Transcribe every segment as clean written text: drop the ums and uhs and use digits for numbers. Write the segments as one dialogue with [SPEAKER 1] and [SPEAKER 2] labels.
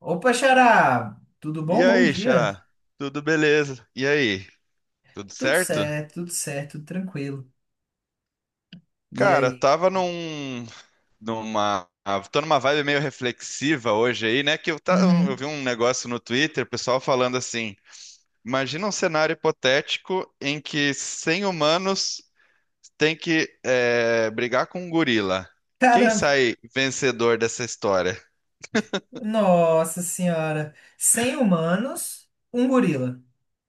[SPEAKER 1] Opa, Xará! Tudo bom?
[SPEAKER 2] E
[SPEAKER 1] Bom
[SPEAKER 2] aí,
[SPEAKER 1] dia.
[SPEAKER 2] Xará? Tudo beleza? E aí? Tudo
[SPEAKER 1] Tudo
[SPEAKER 2] certo?
[SPEAKER 1] certo, tudo certo, tudo tranquilo. E
[SPEAKER 2] Cara,
[SPEAKER 1] aí?
[SPEAKER 2] numa, tô numa vibe meio reflexiva hoje aí, né? Eu vi
[SPEAKER 1] Uhum.
[SPEAKER 2] um negócio no Twitter, pessoal falando assim: imagina um cenário hipotético em que 100 humanos têm que brigar com um gorila. Quem
[SPEAKER 1] Caramba,
[SPEAKER 2] sai vencedor dessa história?
[SPEAKER 1] nossa senhora. 100 humanos, um gorila.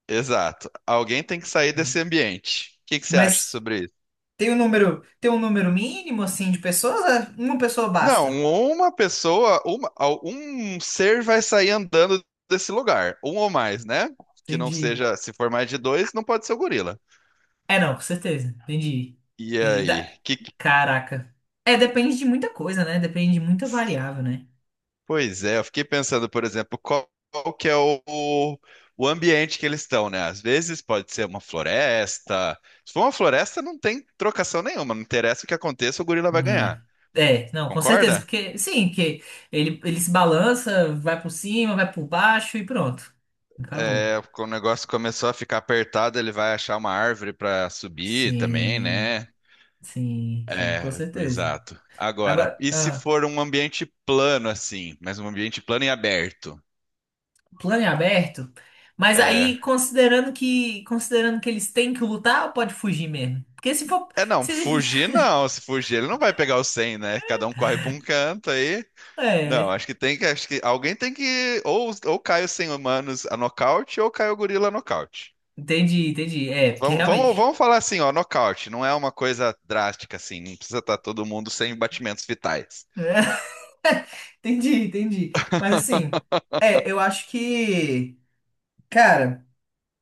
[SPEAKER 2] Exato. Alguém tem que sair desse ambiente. O que que você acha
[SPEAKER 1] Mas
[SPEAKER 2] sobre.
[SPEAKER 1] tem um número mínimo assim de pessoas? Ah, uma pessoa
[SPEAKER 2] Não,
[SPEAKER 1] basta.
[SPEAKER 2] uma pessoa, uma, al- um ser vai sair andando desse lugar, um ou mais, né? Que não
[SPEAKER 1] Entendi.
[SPEAKER 2] seja, se for mais de dois, não pode ser o gorila.
[SPEAKER 1] É, não, com certeza. Entendi.
[SPEAKER 2] E
[SPEAKER 1] Entendi.
[SPEAKER 2] aí?
[SPEAKER 1] Da- Caraca. É, depende de muita coisa, né? Depende de muita variável, né?
[SPEAKER 2] Pois é, eu fiquei pensando, por exemplo, qual, qual que é o ambiente que eles estão, né? Às vezes pode ser uma floresta. Se for uma floresta, não tem trocação nenhuma, não interessa o que aconteça, o gorila vai ganhar.
[SPEAKER 1] Né? É, não, com certeza,
[SPEAKER 2] Concorda?
[SPEAKER 1] porque sim, que ele se balança, vai por cima, vai por baixo e pronto. Acabou.
[SPEAKER 2] É, quando o negócio começou a ficar apertado, ele vai achar uma árvore para subir também,
[SPEAKER 1] Sim,
[SPEAKER 2] né?
[SPEAKER 1] sim, sim, com
[SPEAKER 2] É,
[SPEAKER 1] certeza.
[SPEAKER 2] exato. Agora,
[SPEAKER 1] Agora,
[SPEAKER 2] e se for um ambiente plano assim, mas um ambiente plano e aberto?
[SPEAKER 1] plano em aberto, mas aí
[SPEAKER 2] É,
[SPEAKER 1] considerando que eles têm que lutar, ou pode fugir mesmo? Porque se for,
[SPEAKER 2] é não,
[SPEAKER 1] se,
[SPEAKER 2] fugir não. Se fugir, ele não vai pegar o 100, né? Cada um corre para um canto aí. Não,
[SPEAKER 1] é,
[SPEAKER 2] acho que alguém tem que, ou cai os 100 humanos a nocaute ou cai o gorila a nocaute.
[SPEAKER 1] entendi, entendi. É, porque
[SPEAKER 2] Vamos, vamos,
[SPEAKER 1] realmente.
[SPEAKER 2] vamos falar assim, ó, nocaute não é uma coisa drástica assim, não precisa estar todo mundo sem batimentos vitais.
[SPEAKER 1] Entendi, entendi. Mas assim, é, eu acho que, cara.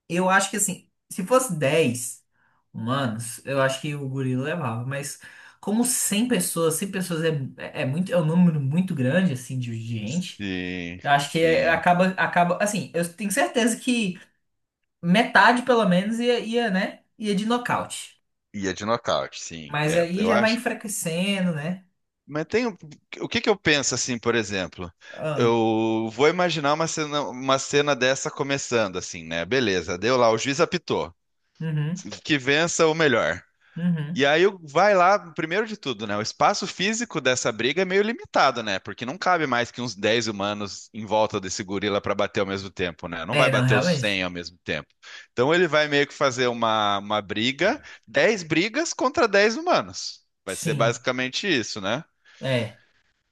[SPEAKER 1] Eu acho que assim, se fosse 10 humanos, eu acho que o gorila levava, mas como 100 pessoas é, é muito, é um número muito grande assim de gente.
[SPEAKER 2] Sim,
[SPEAKER 1] Eu acho que
[SPEAKER 2] sim.
[SPEAKER 1] acaba assim, eu tenho certeza que metade pelo menos ia de nocaute.
[SPEAKER 2] Ia de nocaute, sim.
[SPEAKER 1] Mas
[SPEAKER 2] É,
[SPEAKER 1] aí
[SPEAKER 2] eu
[SPEAKER 1] já vai
[SPEAKER 2] acho.
[SPEAKER 1] enfraquecendo, né?
[SPEAKER 2] Mas o que que eu penso assim, por exemplo?
[SPEAKER 1] Ah,
[SPEAKER 2] Eu vou imaginar uma cena dessa começando assim, né? Beleza, deu lá, o juiz apitou.
[SPEAKER 1] uhum,
[SPEAKER 2] Que vença o melhor.
[SPEAKER 1] uhum.
[SPEAKER 2] E vai lá, primeiro de tudo, né? O espaço físico dessa briga é meio limitado, né? Porque não cabe mais que uns 10 humanos em volta desse gorila para bater ao mesmo tempo, né? Não
[SPEAKER 1] É,
[SPEAKER 2] vai
[SPEAKER 1] não,
[SPEAKER 2] bater os 100
[SPEAKER 1] realmente.
[SPEAKER 2] ao mesmo tempo. Então ele vai meio que fazer 10 brigas contra 10 humanos. Vai ser
[SPEAKER 1] Sim.
[SPEAKER 2] basicamente isso, né?
[SPEAKER 1] É.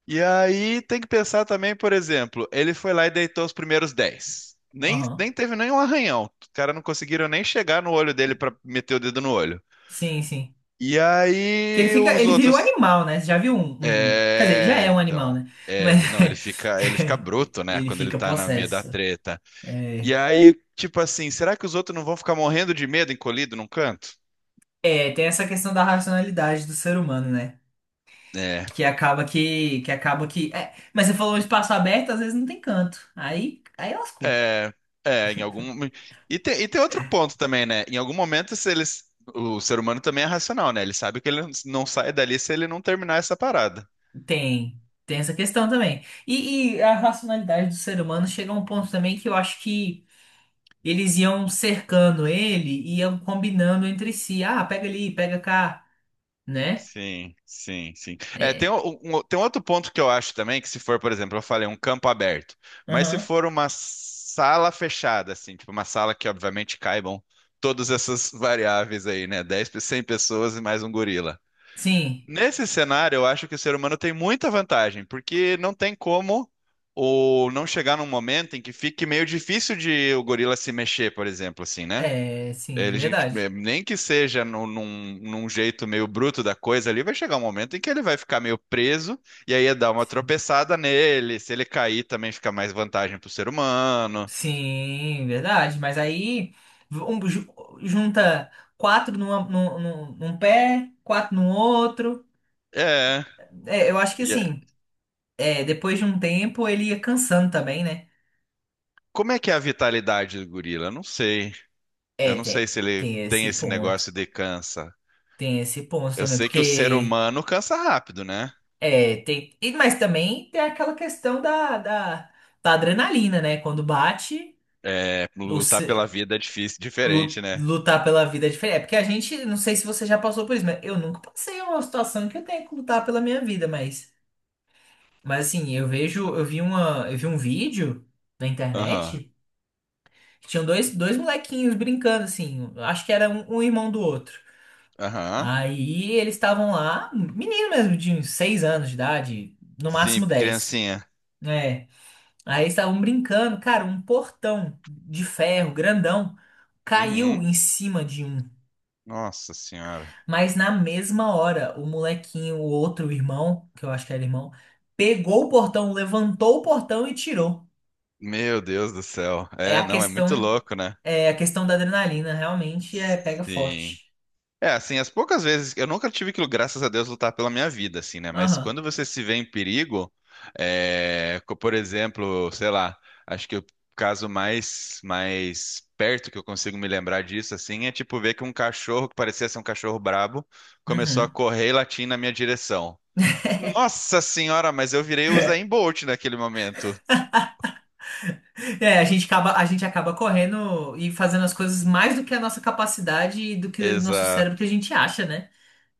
[SPEAKER 2] E aí tem que pensar também, por exemplo, ele foi lá e deitou os primeiros 10. Nem,
[SPEAKER 1] Aham.
[SPEAKER 2] nem teve nenhum arranhão. Os caras não conseguiram nem chegar no olho dele pra meter o dedo no olho.
[SPEAKER 1] Sim, sim.
[SPEAKER 2] E
[SPEAKER 1] Que ele
[SPEAKER 2] aí
[SPEAKER 1] fica,
[SPEAKER 2] os
[SPEAKER 1] ele vira um
[SPEAKER 2] outros.
[SPEAKER 1] animal, né? Você já viu um, quer dizer, ele já é
[SPEAKER 2] É,
[SPEAKER 1] um animal,
[SPEAKER 2] então.
[SPEAKER 1] né? Mas
[SPEAKER 2] É, não, ele fica bruto, né?
[SPEAKER 1] ele
[SPEAKER 2] Quando ele
[SPEAKER 1] fica
[SPEAKER 2] tá no meio da
[SPEAKER 1] possesso.
[SPEAKER 2] treta. E
[SPEAKER 1] É,
[SPEAKER 2] aí, tipo assim, será que os outros não vão ficar morrendo de medo encolhido num canto?
[SPEAKER 1] é, tem essa questão da racionalidade do ser humano, né?
[SPEAKER 2] É.
[SPEAKER 1] Que acaba que acaba que. É, mas você falou um espaço aberto, às vezes não tem canto. Aí lascou.
[SPEAKER 2] É, é, em algum. E tem outro ponto também, né? Em algum momento, se eles. O ser humano também é racional, né? Ele sabe que ele não sai dali se ele não terminar essa parada.
[SPEAKER 1] Tem, tem essa questão também. E a racionalidade do ser humano chega a um ponto também que eu acho que eles iam cercando ele, iam combinando entre si. Ah, pega ali, pega cá, né?
[SPEAKER 2] Sim. É,
[SPEAKER 1] É.
[SPEAKER 2] tem um outro ponto que eu acho também, que se for, por exemplo, eu falei um campo aberto, mas se for uma sala fechada, assim, tipo uma sala que obviamente caibam todas essas variáveis aí, né? 100 pessoas e mais um gorila.
[SPEAKER 1] Sim,
[SPEAKER 2] Nesse cenário, eu acho que o ser humano tem muita vantagem, porque não tem como ou não chegar num momento em que fique meio difícil de o gorila se mexer, por exemplo, assim, né?
[SPEAKER 1] é, sim,
[SPEAKER 2] Ele, gente, é,
[SPEAKER 1] verdade.
[SPEAKER 2] nem que seja num jeito meio bruto da coisa ali, vai chegar um momento em que ele vai ficar meio preso, e aí ia dar uma
[SPEAKER 1] Sim,
[SPEAKER 2] tropeçada nele. Se ele cair, também fica mais vantagem pro ser humano.
[SPEAKER 1] sim, verdade. Mas aí um junta quatro num pé, quatro no outro.
[SPEAKER 2] É.
[SPEAKER 1] É, eu acho que
[SPEAKER 2] E é-
[SPEAKER 1] assim, é, depois de um tempo ele ia cansando também, né?
[SPEAKER 2] Como é que é a vitalidade do gorila? Eu não sei. Eu
[SPEAKER 1] É,
[SPEAKER 2] não sei
[SPEAKER 1] tem,
[SPEAKER 2] se ele
[SPEAKER 1] tem
[SPEAKER 2] tem
[SPEAKER 1] esse
[SPEAKER 2] esse
[SPEAKER 1] ponto.
[SPEAKER 2] negócio de cansa.
[SPEAKER 1] Tem esse ponto
[SPEAKER 2] Eu
[SPEAKER 1] também,
[SPEAKER 2] sei que o ser
[SPEAKER 1] porque
[SPEAKER 2] humano cansa rápido, né?
[SPEAKER 1] Mas também tem aquela questão da adrenalina, né? Quando bate.
[SPEAKER 2] É, lutar pela vida é difícil, diferente, né?
[SPEAKER 1] Lutar pela vida é diferente. É porque a gente, não sei se você já passou por isso, mas eu nunca passei uma situação que eu tenha que lutar pela minha vida, mas assim, eu vi uma, eu vi um vídeo na
[SPEAKER 2] Aham,
[SPEAKER 1] internet que tinham dois, dois molequinhos brincando, assim, acho que era um, um irmão do outro.
[SPEAKER 2] aham.
[SPEAKER 1] Aí eles estavam lá, menino mesmo, de uns seis anos de idade, no
[SPEAKER 2] Sim,
[SPEAKER 1] máximo dez.
[SPEAKER 2] criancinha.
[SPEAKER 1] É. Aí eles estavam brincando, cara, um portão de ferro grandão caiu
[SPEAKER 2] Uhum.
[SPEAKER 1] em cima de um.
[SPEAKER 2] Nossa senhora.
[SPEAKER 1] Mas na mesma hora, o molequinho, o outro irmão, que eu acho que era irmão, pegou o portão, levantou o portão e tirou.
[SPEAKER 2] Meu Deus do céu.
[SPEAKER 1] É
[SPEAKER 2] É,
[SPEAKER 1] a
[SPEAKER 2] não, é muito
[SPEAKER 1] questão,
[SPEAKER 2] louco, né?
[SPEAKER 1] É a questão da adrenalina, realmente é pega
[SPEAKER 2] Sim.
[SPEAKER 1] forte.
[SPEAKER 2] É, assim, as poucas vezes, eu nunca tive que, graças a Deus, lutar pela minha vida, assim, né? Mas
[SPEAKER 1] Aham.
[SPEAKER 2] quando você se vê em perigo, é, por exemplo, sei lá, acho que o caso mais perto que eu consigo me lembrar disso, assim, é tipo ver que um cachorro, que parecia ser um cachorro brabo, começou a
[SPEAKER 1] Uhum.
[SPEAKER 2] correr e latir na minha direção. Nossa senhora, mas eu virei o Usain Bolt naquele momento.
[SPEAKER 1] É, a gente acaba correndo e fazendo as coisas mais do que a nossa capacidade e do que o nosso cérebro que
[SPEAKER 2] Exato.
[SPEAKER 1] a gente acha, né?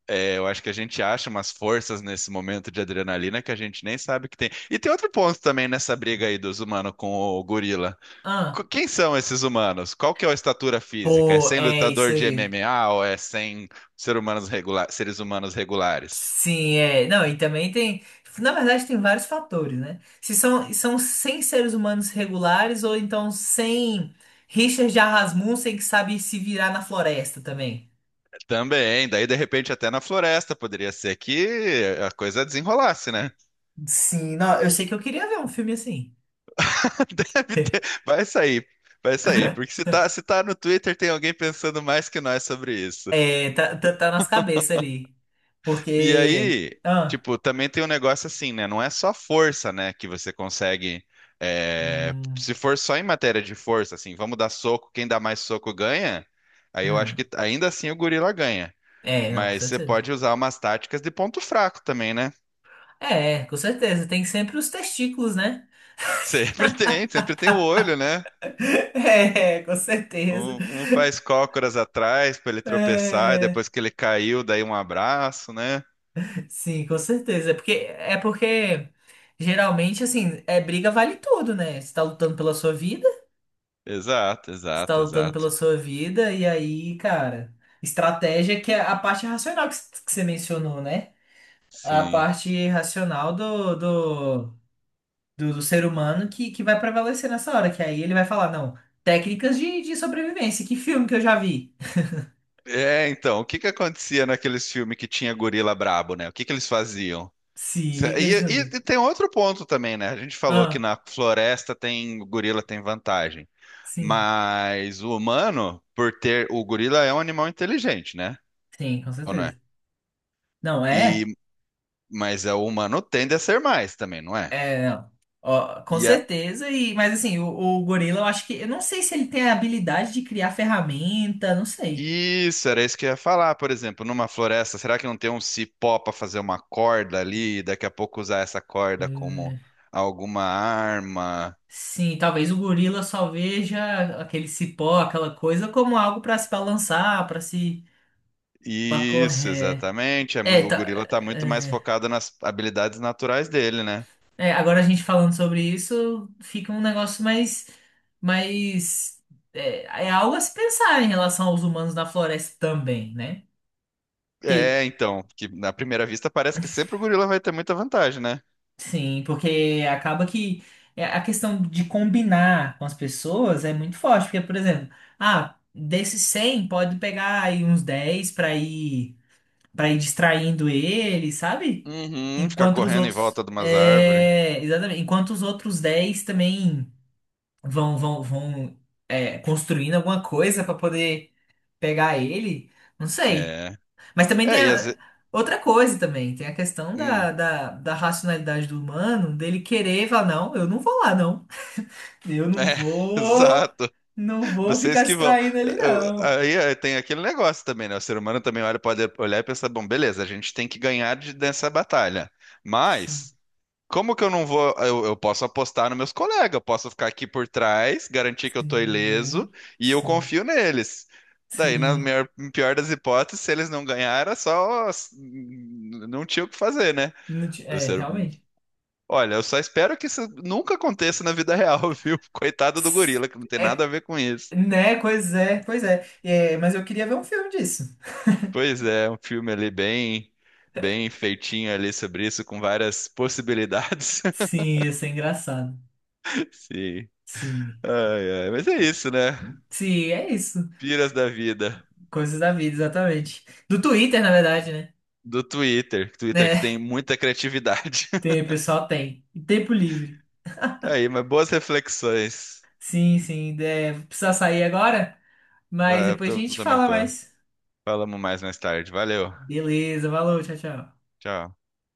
[SPEAKER 2] É, eu acho que a gente acha umas forças nesse momento de adrenalina que a gente nem sabe que tem. E tem outro ponto também nessa briga aí dos humanos com o gorila.
[SPEAKER 1] Ah,
[SPEAKER 2] Quem são esses humanos? Qual que é a estatura física? É
[SPEAKER 1] pô,
[SPEAKER 2] sem
[SPEAKER 1] é isso
[SPEAKER 2] lutador de
[SPEAKER 1] aí.
[SPEAKER 2] MMA ou é sem seres humanos regulares?
[SPEAKER 1] Sim, é. Não, e também tem. Na verdade, tem vários fatores, né? Se são, são 100 seres humanos regulares ou então 100 Richard Rasmussen que sabe se virar na floresta também.
[SPEAKER 2] Também, daí de repente até na floresta poderia ser que a coisa desenrolasse, né?
[SPEAKER 1] Sim, não, eu sei que eu queria ver um filme assim.
[SPEAKER 2] Deve ter, vai sair, porque se tá no Twitter tem alguém pensando mais que nós sobre isso.
[SPEAKER 1] É, tá, tá, tá nas cabeças ali.
[SPEAKER 2] E
[SPEAKER 1] Porque.
[SPEAKER 2] aí,
[SPEAKER 1] Ah,
[SPEAKER 2] tipo, também tem um negócio assim, né? Não é só força, né, que você consegue. É,
[SPEAKER 1] hum,
[SPEAKER 2] se for só em matéria de força, assim, vamos dar soco, quem dá mais soco ganha. Aí eu acho
[SPEAKER 1] hum.
[SPEAKER 2] que ainda assim o gorila ganha.
[SPEAKER 1] É, não, com
[SPEAKER 2] Mas você
[SPEAKER 1] certeza.
[SPEAKER 2] pode usar umas táticas de ponto fraco também, né?
[SPEAKER 1] É, com certeza. Tem sempre os testículos, né?
[SPEAKER 2] Sempre tem, sempre tem o olho, né?
[SPEAKER 1] É, com certeza.
[SPEAKER 2] Um faz cócoras atrás pra ele tropeçar, e
[SPEAKER 1] É.
[SPEAKER 2] depois que ele caiu, daí um abraço, né?
[SPEAKER 1] Sim, com certeza. É porque geralmente, assim, é briga vale tudo, né? Você tá lutando pela sua vida,
[SPEAKER 2] Exato,
[SPEAKER 1] você tá
[SPEAKER 2] exato,
[SPEAKER 1] lutando pela
[SPEAKER 2] exato.
[SPEAKER 1] sua vida, e aí, cara, estratégia que é a parte racional que você mencionou, né? A
[SPEAKER 2] Sim.
[SPEAKER 1] parte racional do ser humano que vai prevalecer nessa hora, que aí ele vai falar, não, técnicas de sobrevivência, que filme que eu já vi?
[SPEAKER 2] É, então, o que que acontecia naqueles filmes que tinha gorila brabo, né? O que que eles faziam?
[SPEAKER 1] Sim, o que
[SPEAKER 2] Cê-
[SPEAKER 1] que
[SPEAKER 2] E,
[SPEAKER 1] eles fazem?
[SPEAKER 2] e tem outro ponto também, né? A gente falou que
[SPEAKER 1] Ah,
[SPEAKER 2] na floresta tem o gorila tem vantagem,
[SPEAKER 1] sim,
[SPEAKER 2] mas o humano, por ter o gorila é um animal inteligente, né?
[SPEAKER 1] sim, com
[SPEAKER 2] Ou não é?
[SPEAKER 1] certeza. Não
[SPEAKER 2] E
[SPEAKER 1] é?
[SPEAKER 2] mas é, o humano tende a ser mais também, não é?
[SPEAKER 1] É, não. Ó, com
[SPEAKER 2] E a-
[SPEAKER 1] certeza. Mas assim, o gorila, eu acho que. Eu não sei se ele tem a habilidade de criar ferramenta, não sei.
[SPEAKER 2] isso era isso que eu ia falar, por exemplo, numa floresta, será que não tem um cipó para fazer uma corda ali e daqui a pouco usar essa
[SPEAKER 1] Pois
[SPEAKER 2] corda como
[SPEAKER 1] é.
[SPEAKER 2] alguma arma?
[SPEAKER 1] Sim, talvez o gorila só veja aquele cipó, aquela coisa, como algo para se balançar, para se. Pra
[SPEAKER 2] Isso,
[SPEAKER 1] correr.
[SPEAKER 2] exatamente. É
[SPEAKER 1] É,
[SPEAKER 2] o
[SPEAKER 1] tá,
[SPEAKER 2] gorila tá muito mais
[SPEAKER 1] é,
[SPEAKER 2] focado nas habilidades naturais dele, né?
[SPEAKER 1] É, agora a gente falando sobre isso, fica um negócio mais. Mais é, é algo a se pensar em relação aos humanos na floresta também, né? Porque
[SPEAKER 2] É, então, que na primeira vista parece que sempre o gorila vai ter muita vantagem, né?
[SPEAKER 1] sim, porque acaba que é, a questão de combinar com as pessoas é muito forte, porque, por exemplo, ah, desses 100 pode pegar aí uns 10 para ir distraindo ele, sabe?
[SPEAKER 2] Uhum, ficar
[SPEAKER 1] Enquanto os
[SPEAKER 2] correndo em
[SPEAKER 1] outros
[SPEAKER 2] volta de umas árvores.
[SPEAKER 1] é, exatamente, enquanto os outros 10 também vão é, construindo alguma coisa para poder pegar ele, não sei.
[SPEAKER 2] É.
[SPEAKER 1] Mas também
[SPEAKER 2] É, e às vezes.
[SPEAKER 1] outra coisa também, tem a questão da racionalidade do humano, dele querer falar, não, eu não vou lá, não. Eu não
[SPEAKER 2] É,
[SPEAKER 1] vou,
[SPEAKER 2] exato.
[SPEAKER 1] não vou
[SPEAKER 2] Vocês
[SPEAKER 1] ficar
[SPEAKER 2] que vão.
[SPEAKER 1] distraindo ele, não.
[SPEAKER 2] Tem aquele negócio também, né? O ser humano também olha, pode olhar e pensar, bom, beleza, a gente tem que ganhar dessa batalha.
[SPEAKER 1] Sim,
[SPEAKER 2] Mas. Como que eu não vou? Eu posso apostar nos meus colegas, eu posso ficar aqui por trás, garantir que eu tô ileso
[SPEAKER 1] sim,
[SPEAKER 2] e eu
[SPEAKER 1] sim,
[SPEAKER 2] confio neles. Daí, na
[SPEAKER 1] sim.
[SPEAKER 2] pior das hipóteses, se eles não ganharam, é só não tinha o que fazer, né?
[SPEAKER 1] Não ti-
[SPEAKER 2] Eu
[SPEAKER 1] É,
[SPEAKER 2] ser-
[SPEAKER 1] realmente.
[SPEAKER 2] Olha, eu só espero que isso nunca aconteça na vida real, viu? Coitado do gorila, que não tem
[SPEAKER 1] É,
[SPEAKER 2] nada a ver com isso.
[SPEAKER 1] né? Pois é, pois é. É, mas eu queria ver um filme disso.
[SPEAKER 2] Pois é, um filme ali bem feitinho ali sobre isso, com várias possibilidades.
[SPEAKER 1] Sim, ia ser engraçado.
[SPEAKER 2] Sim.
[SPEAKER 1] Sim.
[SPEAKER 2] Ai, ai, mas é isso, né?
[SPEAKER 1] Sim, é isso.
[SPEAKER 2] Piras da vida.
[SPEAKER 1] Coisas da vida, exatamente. Do Twitter, na verdade, né?
[SPEAKER 2] Do Twitter. Twitter que
[SPEAKER 1] É,
[SPEAKER 2] tem muita criatividade.
[SPEAKER 1] tem, o pessoal, tem. E tempo livre.
[SPEAKER 2] Tá aí, mas boas reflexões.
[SPEAKER 1] Sim, sim. É, vou precisar sair agora, mas
[SPEAKER 2] Vai,
[SPEAKER 1] depois a
[SPEAKER 2] eu
[SPEAKER 1] gente
[SPEAKER 2] também
[SPEAKER 1] fala
[SPEAKER 2] tô.
[SPEAKER 1] mais.
[SPEAKER 2] Falamos mais tarde. Valeu.
[SPEAKER 1] Beleza, valeu, tchau, tchau.
[SPEAKER 2] Tchau.